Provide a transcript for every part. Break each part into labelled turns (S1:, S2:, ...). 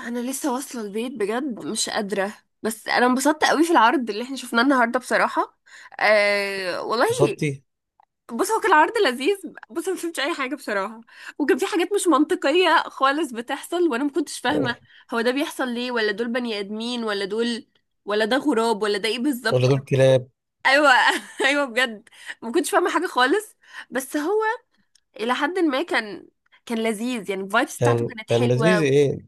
S1: انا لسه واصله البيت بجد، مش قادره. بس انا انبسطت قوي في العرض اللي احنا شفناه النهارده بصراحه. أه والله.
S2: قصادتي.
S1: بص، هو كان عرض لذيذ. بص، أنا ما فهمتش اي حاجه بصراحه. وكان في حاجات مش منطقيه خالص بتحصل وانا ما كنتش فاهمه. هو ده بيحصل ليه؟ ولا دول بني ادمين، ولا دول ولا ده غراب، ولا ده ايه بالظبط؟
S2: ولا دول كلاب.
S1: ايوه. ايوه بجد. ما كنتش فاهمه حاجه خالص. بس هو الى حد ما كان لذيذ، يعني الفايبس بتاعته
S2: كان
S1: كانت
S2: كان لذيذ
S1: حلوه.
S2: ايه؟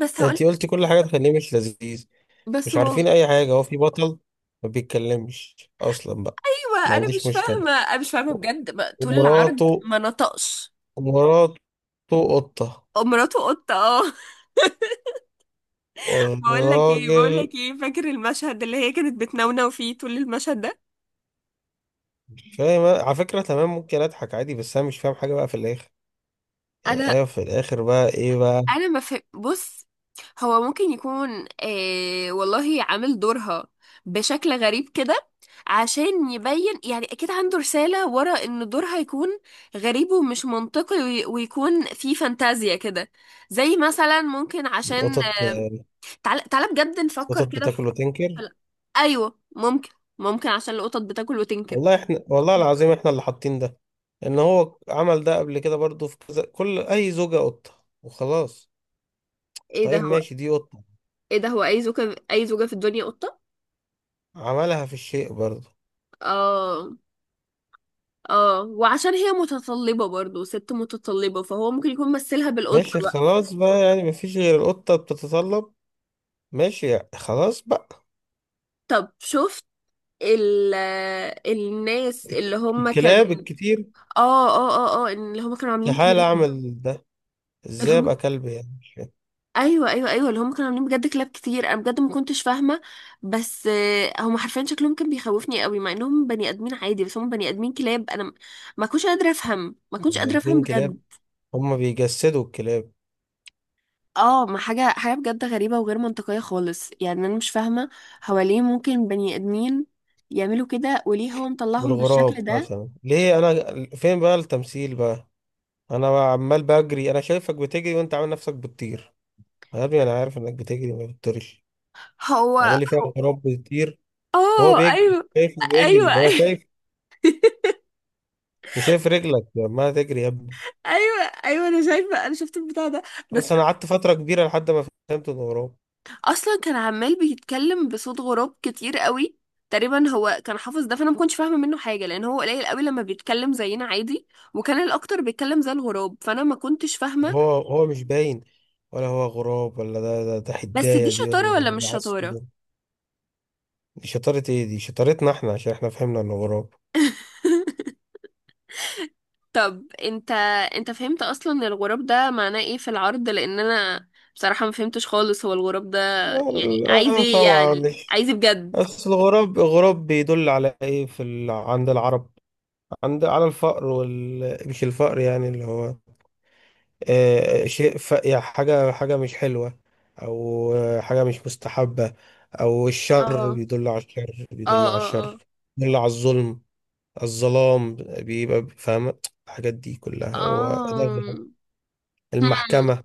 S1: بس هقول.
S2: انت قلتي كل حاجه تخليه مش لذيذ.
S1: بس،
S2: مش عارفين اي حاجه، هو في بطل ما بيتكلمش اصلا بقى.
S1: ما
S2: ما
S1: انا
S2: عنديش
S1: مش
S2: مشكله.
S1: فاهمه انا مش فاهمه بجد، ما طول العرض
S2: ومراته،
S1: ما نطقش.
S2: مراته قطه.
S1: مراته قطه، اه. بقول لك ايه بقول
S2: والراجل
S1: لك ايه فاكر المشهد اللي هي كانت بتنونو فيه طول المشهد ده؟
S2: مش فاهم على فكره، تمام، ممكن اضحك عادي بس انا مش فاهم حاجه بقى في الاخر. يعني
S1: انا
S2: ايوه في الاخر بقى ايه بقى؟
S1: انا ما فهم، بص. هو ممكن يكون، والله، عامل دورها بشكل غريب كده، عشان يبين. يعني اكيد عنده رسالة ورا ان دورها يكون غريب ومش منطقي ويكون فيه فانتازيا كده. زي مثلا ممكن عشان.
S2: قطط.
S1: تعال تعال بجد نفكر
S2: قطط
S1: كده.
S2: بتاكل وتنكر.
S1: هلا. ايوه ممكن. ممكن عشان القطط بتاكل وتنكر.
S2: والله احنا والله العظيم احنا اللي حاطين ده، ان هو عمل ده قبل كده برضو في كذا، كل اي زوجة قطة وخلاص.
S1: ايه ده
S2: طيب
S1: هو.
S2: ماشي دي قطة،
S1: ايه ده هو، اي زوجة في الدنيا قطة.
S2: عملها في الشيء برضو.
S1: اه. اه، وعشان هي متطلبة برضو، ست متطلبة، فهو ممكن يكون مثلها بالقطة
S2: ماشي
S1: بقى.
S2: خلاص بقى، يعني مفيش غير القطة بتتطلب. ماشي يعني خلاص بقى.
S1: طب شفت ال الناس اللي هم كانوا.
S2: الكلاب الكتير.
S1: اه. اه اه اه اللي هم كانوا عاملين
S2: استحالة
S1: كلاب.
S2: اعمل ده،
S1: اللي
S2: ازاي ابقى
S1: هم،
S2: كلب، يعني مش فاهم.
S1: ايوه ايوه ايوه اللي هم كانوا عاملين بجد كلاب كتير. انا بجد ما كنتش فاهمه. بس، هم حرفيا شكلهم كان بيخوفني قوي، مع انهم بني ادمين عادي. بس هم بني ادمين كلاب. انا ما كنتش قادره افهم ما كنتش
S2: يعني
S1: قادره افهم
S2: اتنين
S1: بجد.
S2: كلاب هما بيجسدوا الكلاب.
S1: اه، ما حاجه حاجه بجد غريبه وغير منطقيه خالص، يعني انا مش فاهمه. هو ليه ممكن بني ادمين يعملوا كده؟ وليه هو مطلعهم
S2: بالغراب
S1: بالشكل ده؟
S2: مثلا ليه؟ انا فين بقى التمثيل بقى؟ انا بقى عمال بجري، انا شايفك بتجري وانت عامل نفسك بتطير. يا ابني انا عارف انك بتجري ما بتطيرش.
S1: هو
S2: عامل لي فيها
S1: هو-
S2: غراب بتطير.
S1: اه
S2: بيجري،
S1: ايوه.
S2: شايفه بيجري،
S1: ايوه.
S2: ما انا شايف. أنا شايف رجلك لما تجري يا ابني.
S1: ايوه ايوه انا شايفه، انا شفت البتاع ده. بس.
S2: بس انا قعدت فتره كبيره لحد ما فهمت انه غراب.
S1: اصلا كان عمال بيتكلم بصوت غراب كتير قوي، تقريبا هو كان حافظ ده، فانا ما كنتش فاهمه منه حاجه، لان هو قليل قوي لما بيتكلم زينا عادي. وكان الاكتر بيتكلم زي الغراب، فانا ما كنتش فاهمه.
S2: هو مش باين، ولا هو غراب ولا ده
S1: بس دي
S2: حدايه دي،
S1: شطاره ولا
S2: ولا ده
S1: مش شطاره؟
S2: عصفور. دي شطاره ايه؟ دي شطارتنا احنا عشان احنا فهمنا انه غراب.
S1: طب انت. فهمت اصلا الغراب ده معناه ايه في العرض؟ لان انا بصراحه ما فهمتش خالص هو الغراب ده يعني
S2: اه
S1: عايز
S2: آه،
S1: ايه،
S2: طبعا
S1: يعني
S2: مش.
S1: عايز إيه بجد؟
S2: اصل الغراب بيدل على ايه في ال... عند العرب؟ عند، على الفقر، وال مش الفقر، يعني اللي هو آه، شيء ف... يعني حاجة مش حلوة، أو آه، حاجة مش مستحبة، أو الشر.
S1: اه.
S2: بيدل على الشر،
S1: اه اه اه
S2: بيدل على الظلم، الظلام، بيبقى فاهمة. الحاجات دي كلها هو
S1: آه.
S2: ده غراب.
S1: هم.
S2: المحكمة.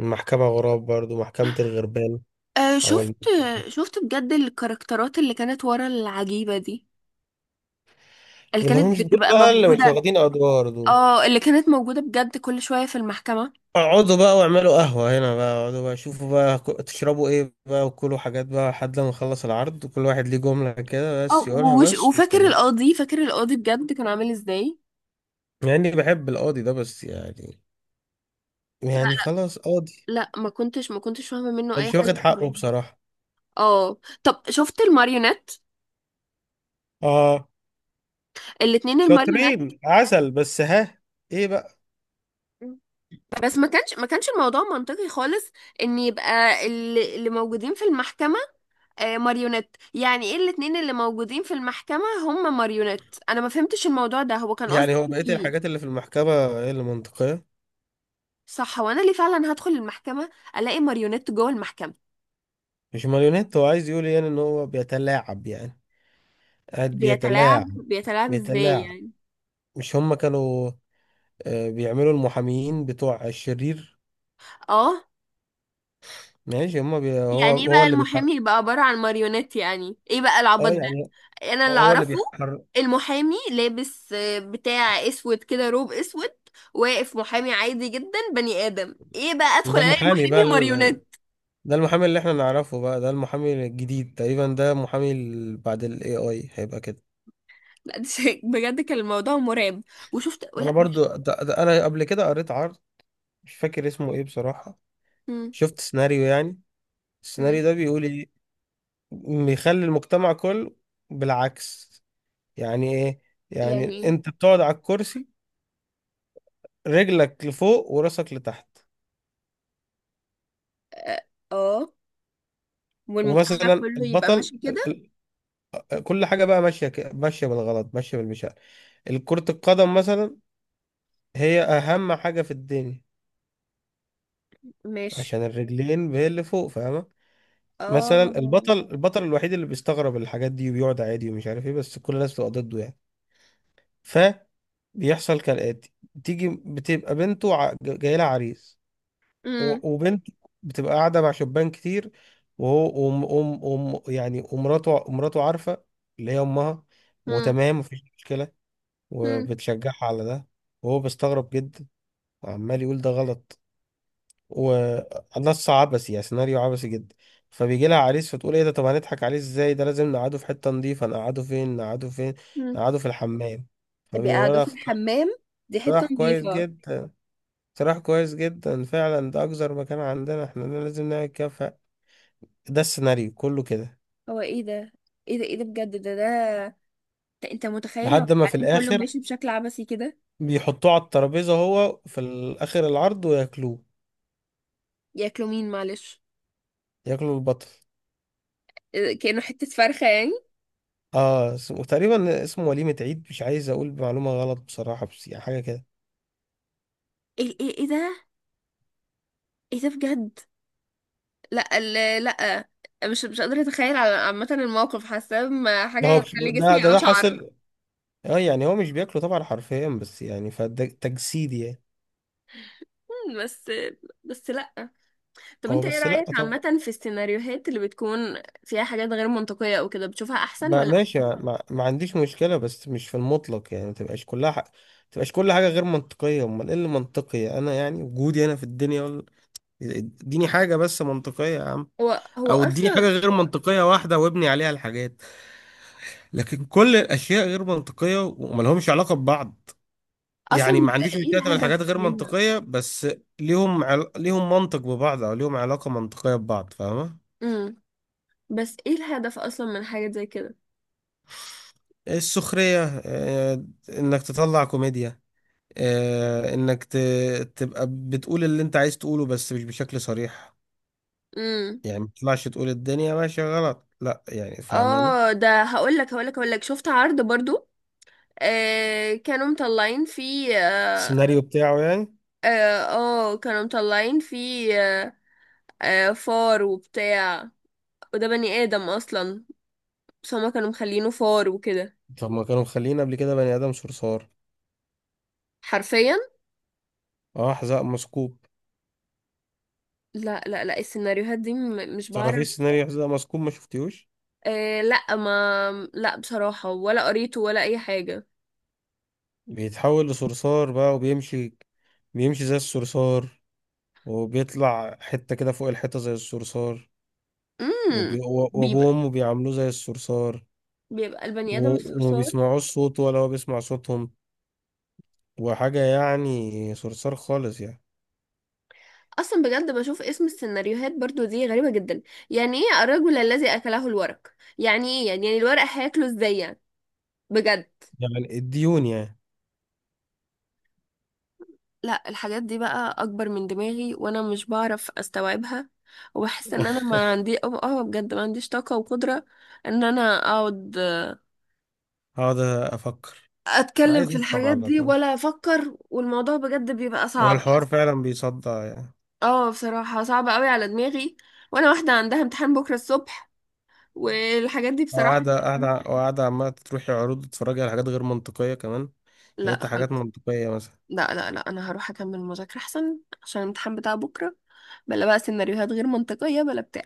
S2: المحكمة غراب برضو، محكمة الغربان.
S1: آه
S2: أو
S1: شفت.
S2: الم-.
S1: شفت بجد الكاركترات اللي كانت ورا العجيبة دي، اللي
S2: اللي
S1: كانت
S2: هم مش دول
S1: بتبقى
S2: بقى اللي مش
S1: موجودة.
S2: واخدين أدوار دول.
S1: اه، اللي كانت موجودة بجد كل شوية في المحكمة.
S2: اقعدوا بقى واعملوا قهوة هنا بقى، اقعدوا بقى شوفوا بقى تشربوا ايه بقى وكلوا حاجات بقى لحد لما نخلص العرض، وكل واحد ليه جملة كده بس
S1: اه،
S2: يقولها بس
S1: وفاكر
S2: وخلاص.
S1: القاضي فاكر القاضي بجد كان عامل ازاي؟
S2: مع اني بحب القاضي ده بس يعني،
S1: لا.
S2: يعني خلاص قاضي،
S1: لا، ما كنتش فاهمة منه
S2: يعني
S1: اي
S2: مش
S1: حاجة
S2: واخد
S1: بصراحة.
S2: حقه بصراحة.
S1: اه. طب شفت الماريونات،
S2: اه.
S1: الاتنين الماريونات.
S2: شاطرين عسل بس ها، ايه بقى؟
S1: بس ما كانش الموضوع منطقي خالص، ان يبقى اللي موجودين في المحكمة، ماريونيت. يعني ايه الاتنين اللي موجودين في المحكمة هم ماريونيت؟ انا ما فهمتش الموضوع ده، هو كان قصده
S2: يعني هو بقية
S1: ايه؟
S2: الحاجات اللي في المحكمة ايه اللي منطقية؟
S1: صح. هو انا ليه فعلا هدخل المحكمة الاقي ماريونيت جوه المحكمة؟
S2: مش ماريونيت، هو عايز يقول يعني ان هو بيتلاعب، يعني قاعد
S1: بيتلاعب
S2: بيتلاعب.
S1: بيتلاعب ازاي
S2: بيتلاعب
S1: يعني؟
S2: مش هما كانوا آه، بيعملوا المحاميين بتوع الشرير؟
S1: اه.
S2: ماشي، هما بي... هو
S1: يعني ايه
S2: هو
S1: بقى
S2: اللي بيحرك.
S1: المحامي يبقى عبارة عن ماريونيت؟ يعني ايه بقى العبط
S2: اه
S1: ده؟
S2: يعني
S1: انا اللي
S2: هو اللي
S1: اعرفه
S2: بيحرك.
S1: المحامي لابس، بتاع اسود كده، روب اسود، واقف محامي عادي جدا، بني ادم. ايه بقى، ادخل
S2: ده
S1: الاقي
S2: المحامي بقى
S1: محامي
S2: ال...
S1: ماريونيت؟
S2: ده المحامي اللي احنا نعرفه بقى، ده المحامي الجديد تقريبا، ده محامي ال- بعد الاي اي هيبقى كده.
S1: بجد كان الموضوع مرعب. وشفت،
S2: انا
S1: لا مش...
S2: برضو ده... ده انا قبل كده قريت عرض مش فاكر اسمه ايه بصراحة.
S1: مم.
S2: شفت سيناريو يعني،
S1: مم.
S2: السيناريو ده بيقول ايه؟ بيخلي المجتمع كله بالعكس. يعني ايه؟ يعني
S1: يعني.
S2: انت بتقعد على الكرسي رجلك لفوق وراسك لتحت.
S1: اه. آه. والمجتمع
S2: ومثلا
S1: كله يبقى
S2: البطل
S1: ماشي كده.
S2: ال- ال- كل حاجه بقى ماشيه ماشيه بالغلط، ماشيه بالمشاعر. كرة القدم مثلا هي اهم حاجه في الدنيا
S1: ماشي.
S2: عشان الرجلين هي اللي فوق، فاهمه؟ مثلا
S1: اه.
S2: البطل الوحيد اللي بيستغرب الحاجات دي وبيقعد عادي ومش عارف ايه، بس كل الناس بتبقى ضده يعني. ف بيحصل كالآتي، تيجي بتبقى بنته جاي لها عريس،
S1: مم.
S2: وبنت بتبقى قاعدة مع شبان كتير، وهو وم أم أم يعني، ومراته، ومراته عارفة، اللي هي أمها،
S1: مم.
S2: وتمام مفيش مشكلة،
S1: مم.
S2: وبتشجعها على ده. وهو بيستغرب جدا وعمال يقول ده غلط. ونص عبثي، يعني سيناريو عبثي جدا. فبيجي لها عريس، فتقول ايه ده؟ طب هنضحك عليه ازاي؟ ده لازم نقعده في حتة نظيفة، نقعده فين؟
S1: مم.
S2: نقعده في الحمام. فبيقولوا
S1: بيقعدوا
S2: لها
S1: في
S2: اختار.
S1: الحمام، دي حتة
S2: اقتراح كويس
S1: نظيفة.
S2: جدا، فعلا ده اكثر مكان عندنا احنا، ده لازم نعمل كده. ف-، ده السيناريو كله كده.
S1: هو ايه ده؟ ايه ده بجد، ده؟ انت متخيل لو
S2: لحد ما في
S1: العالم كله
S2: الاخر
S1: ماشي بشكل عبثي كده؟
S2: بيحطوه على الترابيزة، هو في الاخر العرض، وياكلوه.
S1: ياكلوا مين معلش؟
S2: ياكلوا البطل.
S1: ده؟ كأنه حتة فرخة يعني؟
S2: اه اسمه تقريبا اسمه وليمة عيد، مش عايز اقول معلومة غلط بصراحة بس يعني حاجة كده.
S1: ايه ايه ايه ده؟ ايه ده بجد؟ لا لا، مش قادرة اتخيل عامة. الموقف حاسة ما
S2: ده
S1: حاجة
S2: هو مش-
S1: تخلي
S2: ده ده
S1: جسمي
S2: ده
S1: اشعر.
S2: حاصل. اه يعني هو مش بياكله طبعا حرفيا بس يعني فده تجسيد يعني.
S1: مم، بس. بس لا. طب
S2: هو
S1: انت ايه
S2: بس لا
S1: رأيك
S2: طبعا.
S1: عامة في السيناريوهات اللي بتكون فيها حاجات غير منطقية او كده؟ بتشوفها احسن ولا
S2: ماشي،
S1: بتشوف؟
S2: ما عنديش مشكلة، بس مش في المطلق، يعني ما تبقاش كلها حق. تبقاش كل حاجة غير منطقية، امال ايه اللي منطقي؟ انا يعني وجودي انا في الدنيا ولا؟ اديني حاجة بس منطقية يا عم،
S1: هو
S2: او اديني حاجة
S1: اصلا،
S2: غير منطقية واحدة وابني عليها الحاجات. لكن كل الاشياء غير منطقية وملهمش علاقة ببعض.
S1: اصلا
S2: يعني ما
S1: بيبقى
S2: عنديش
S1: ايه
S2: مشكله تبقى الحاجات
S1: الهدف
S2: غير
S1: منها؟
S2: منطقيه، بس ليهم عل... ليهم منطق ببعض، او ليهم علاقه منطقيه ببعض، فاهمه؟
S1: امم بس ايه الهدف اصلا من حاجة زي كده؟
S2: السخريه، آه، انك تطلع كوميديا، آه، انك ت... تبقى بتقول اللي انت عايز تقوله بس مش بشكل صريح.
S1: امم
S2: يعني ما تطلعش تقول الدنيا ماشيه غلط، لا، يعني فاهماني.
S1: اه، ده هقول لك هقول لك، شفت عرض برضو. آه كانوا مطلعين فيه،
S2: السيناريو بتاعه يعني.
S1: كانوا مطلعين فيه فار وبتاع. وده بني آدم أصلا، بس هما كانوا مخلينه فار وكده.
S2: طب ما كانوا مخليين قبل كده بني ادم صرصار،
S1: حرفيا.
S2: اه، حذاء مسكوب.
S1: لا لا لا، السيناريوهات دي مش
S2: تعرفي إيه
S1: بعرف.
S2: السيناريو حذاء مسكوب؟ ما شفتيهوش؟
S1: لا، ما لا بصراحة، ولا قريته ولا أي حاجة.
S2: بيتحول لصرصار بقى وبيمشي، بيمشي زي الصرصار، وبيطلع حتة كده فوق الحيطة زي الصرصار،
S1: امم
S2: وبي... وأبوه
S1: بيبقى
S2: وأمه بيعاملوه زي الصرصار،
S1: بيبقى البني آدم
S2: و... وما
S1: الصرصار.
S2: بيسمعوش صوته ولا هو بيسمع صوتهم، وحاجة يعني صرصار خالص يعني.
S1: أصلا بجد بشوف اسم السيناريوهات برضو دي غريبة جدا. يعني إيه الرجل الذي أكله الورق؟ يعني إيه، يعني الورق هياكله إزاي يعني؟ بجد.
S2: يعني الديون يعني.
S1: لا، الحاجات دي بقى اكبر من دماغي، وانا مش بعرف استوعبها. وبحس ان انا ما عندي، بجد، ما عنديش طاقة وقدرة ان انا اقعد
S2: هقعد أفكر. أنا
S1: اتكلم
S2: عايز
S1: في
S2: أفهم
S1: الحاجات
S2: على
S1: دي
S2: طول،
S1: ولا افكر، والموضوع بجد بيبقى
S2: هو
S1: صعب.
S2: الحوار فعلا بيصدع يعني.
S1: اه، بصراحة صعب قوي على دماغي، وانا واحدة عندها امتحان بكرة الصبح، والحاجات دي
S2: هو
S1: بصراحة.
S2: قاعدة عمالة تروحي عروض تتفرجي على حاجات غير منطقية كمان. يا
S1: لا
S2: ريت حاجات
S1: خلاص.
S2: منطقية مثلا.
S1: لا لا لا، انا هروح اكمل المذاكرة احسن عشان الامتحان بتاع بكرة. بلا بقى سيناريوهات غير منطقية، بلا بتاع.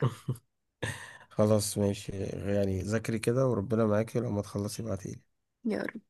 S2: خلاص ماشي يعني، ذاكري كده وربنا معاكي، ولما تخلصي ابعتيلي.
S1: يلا.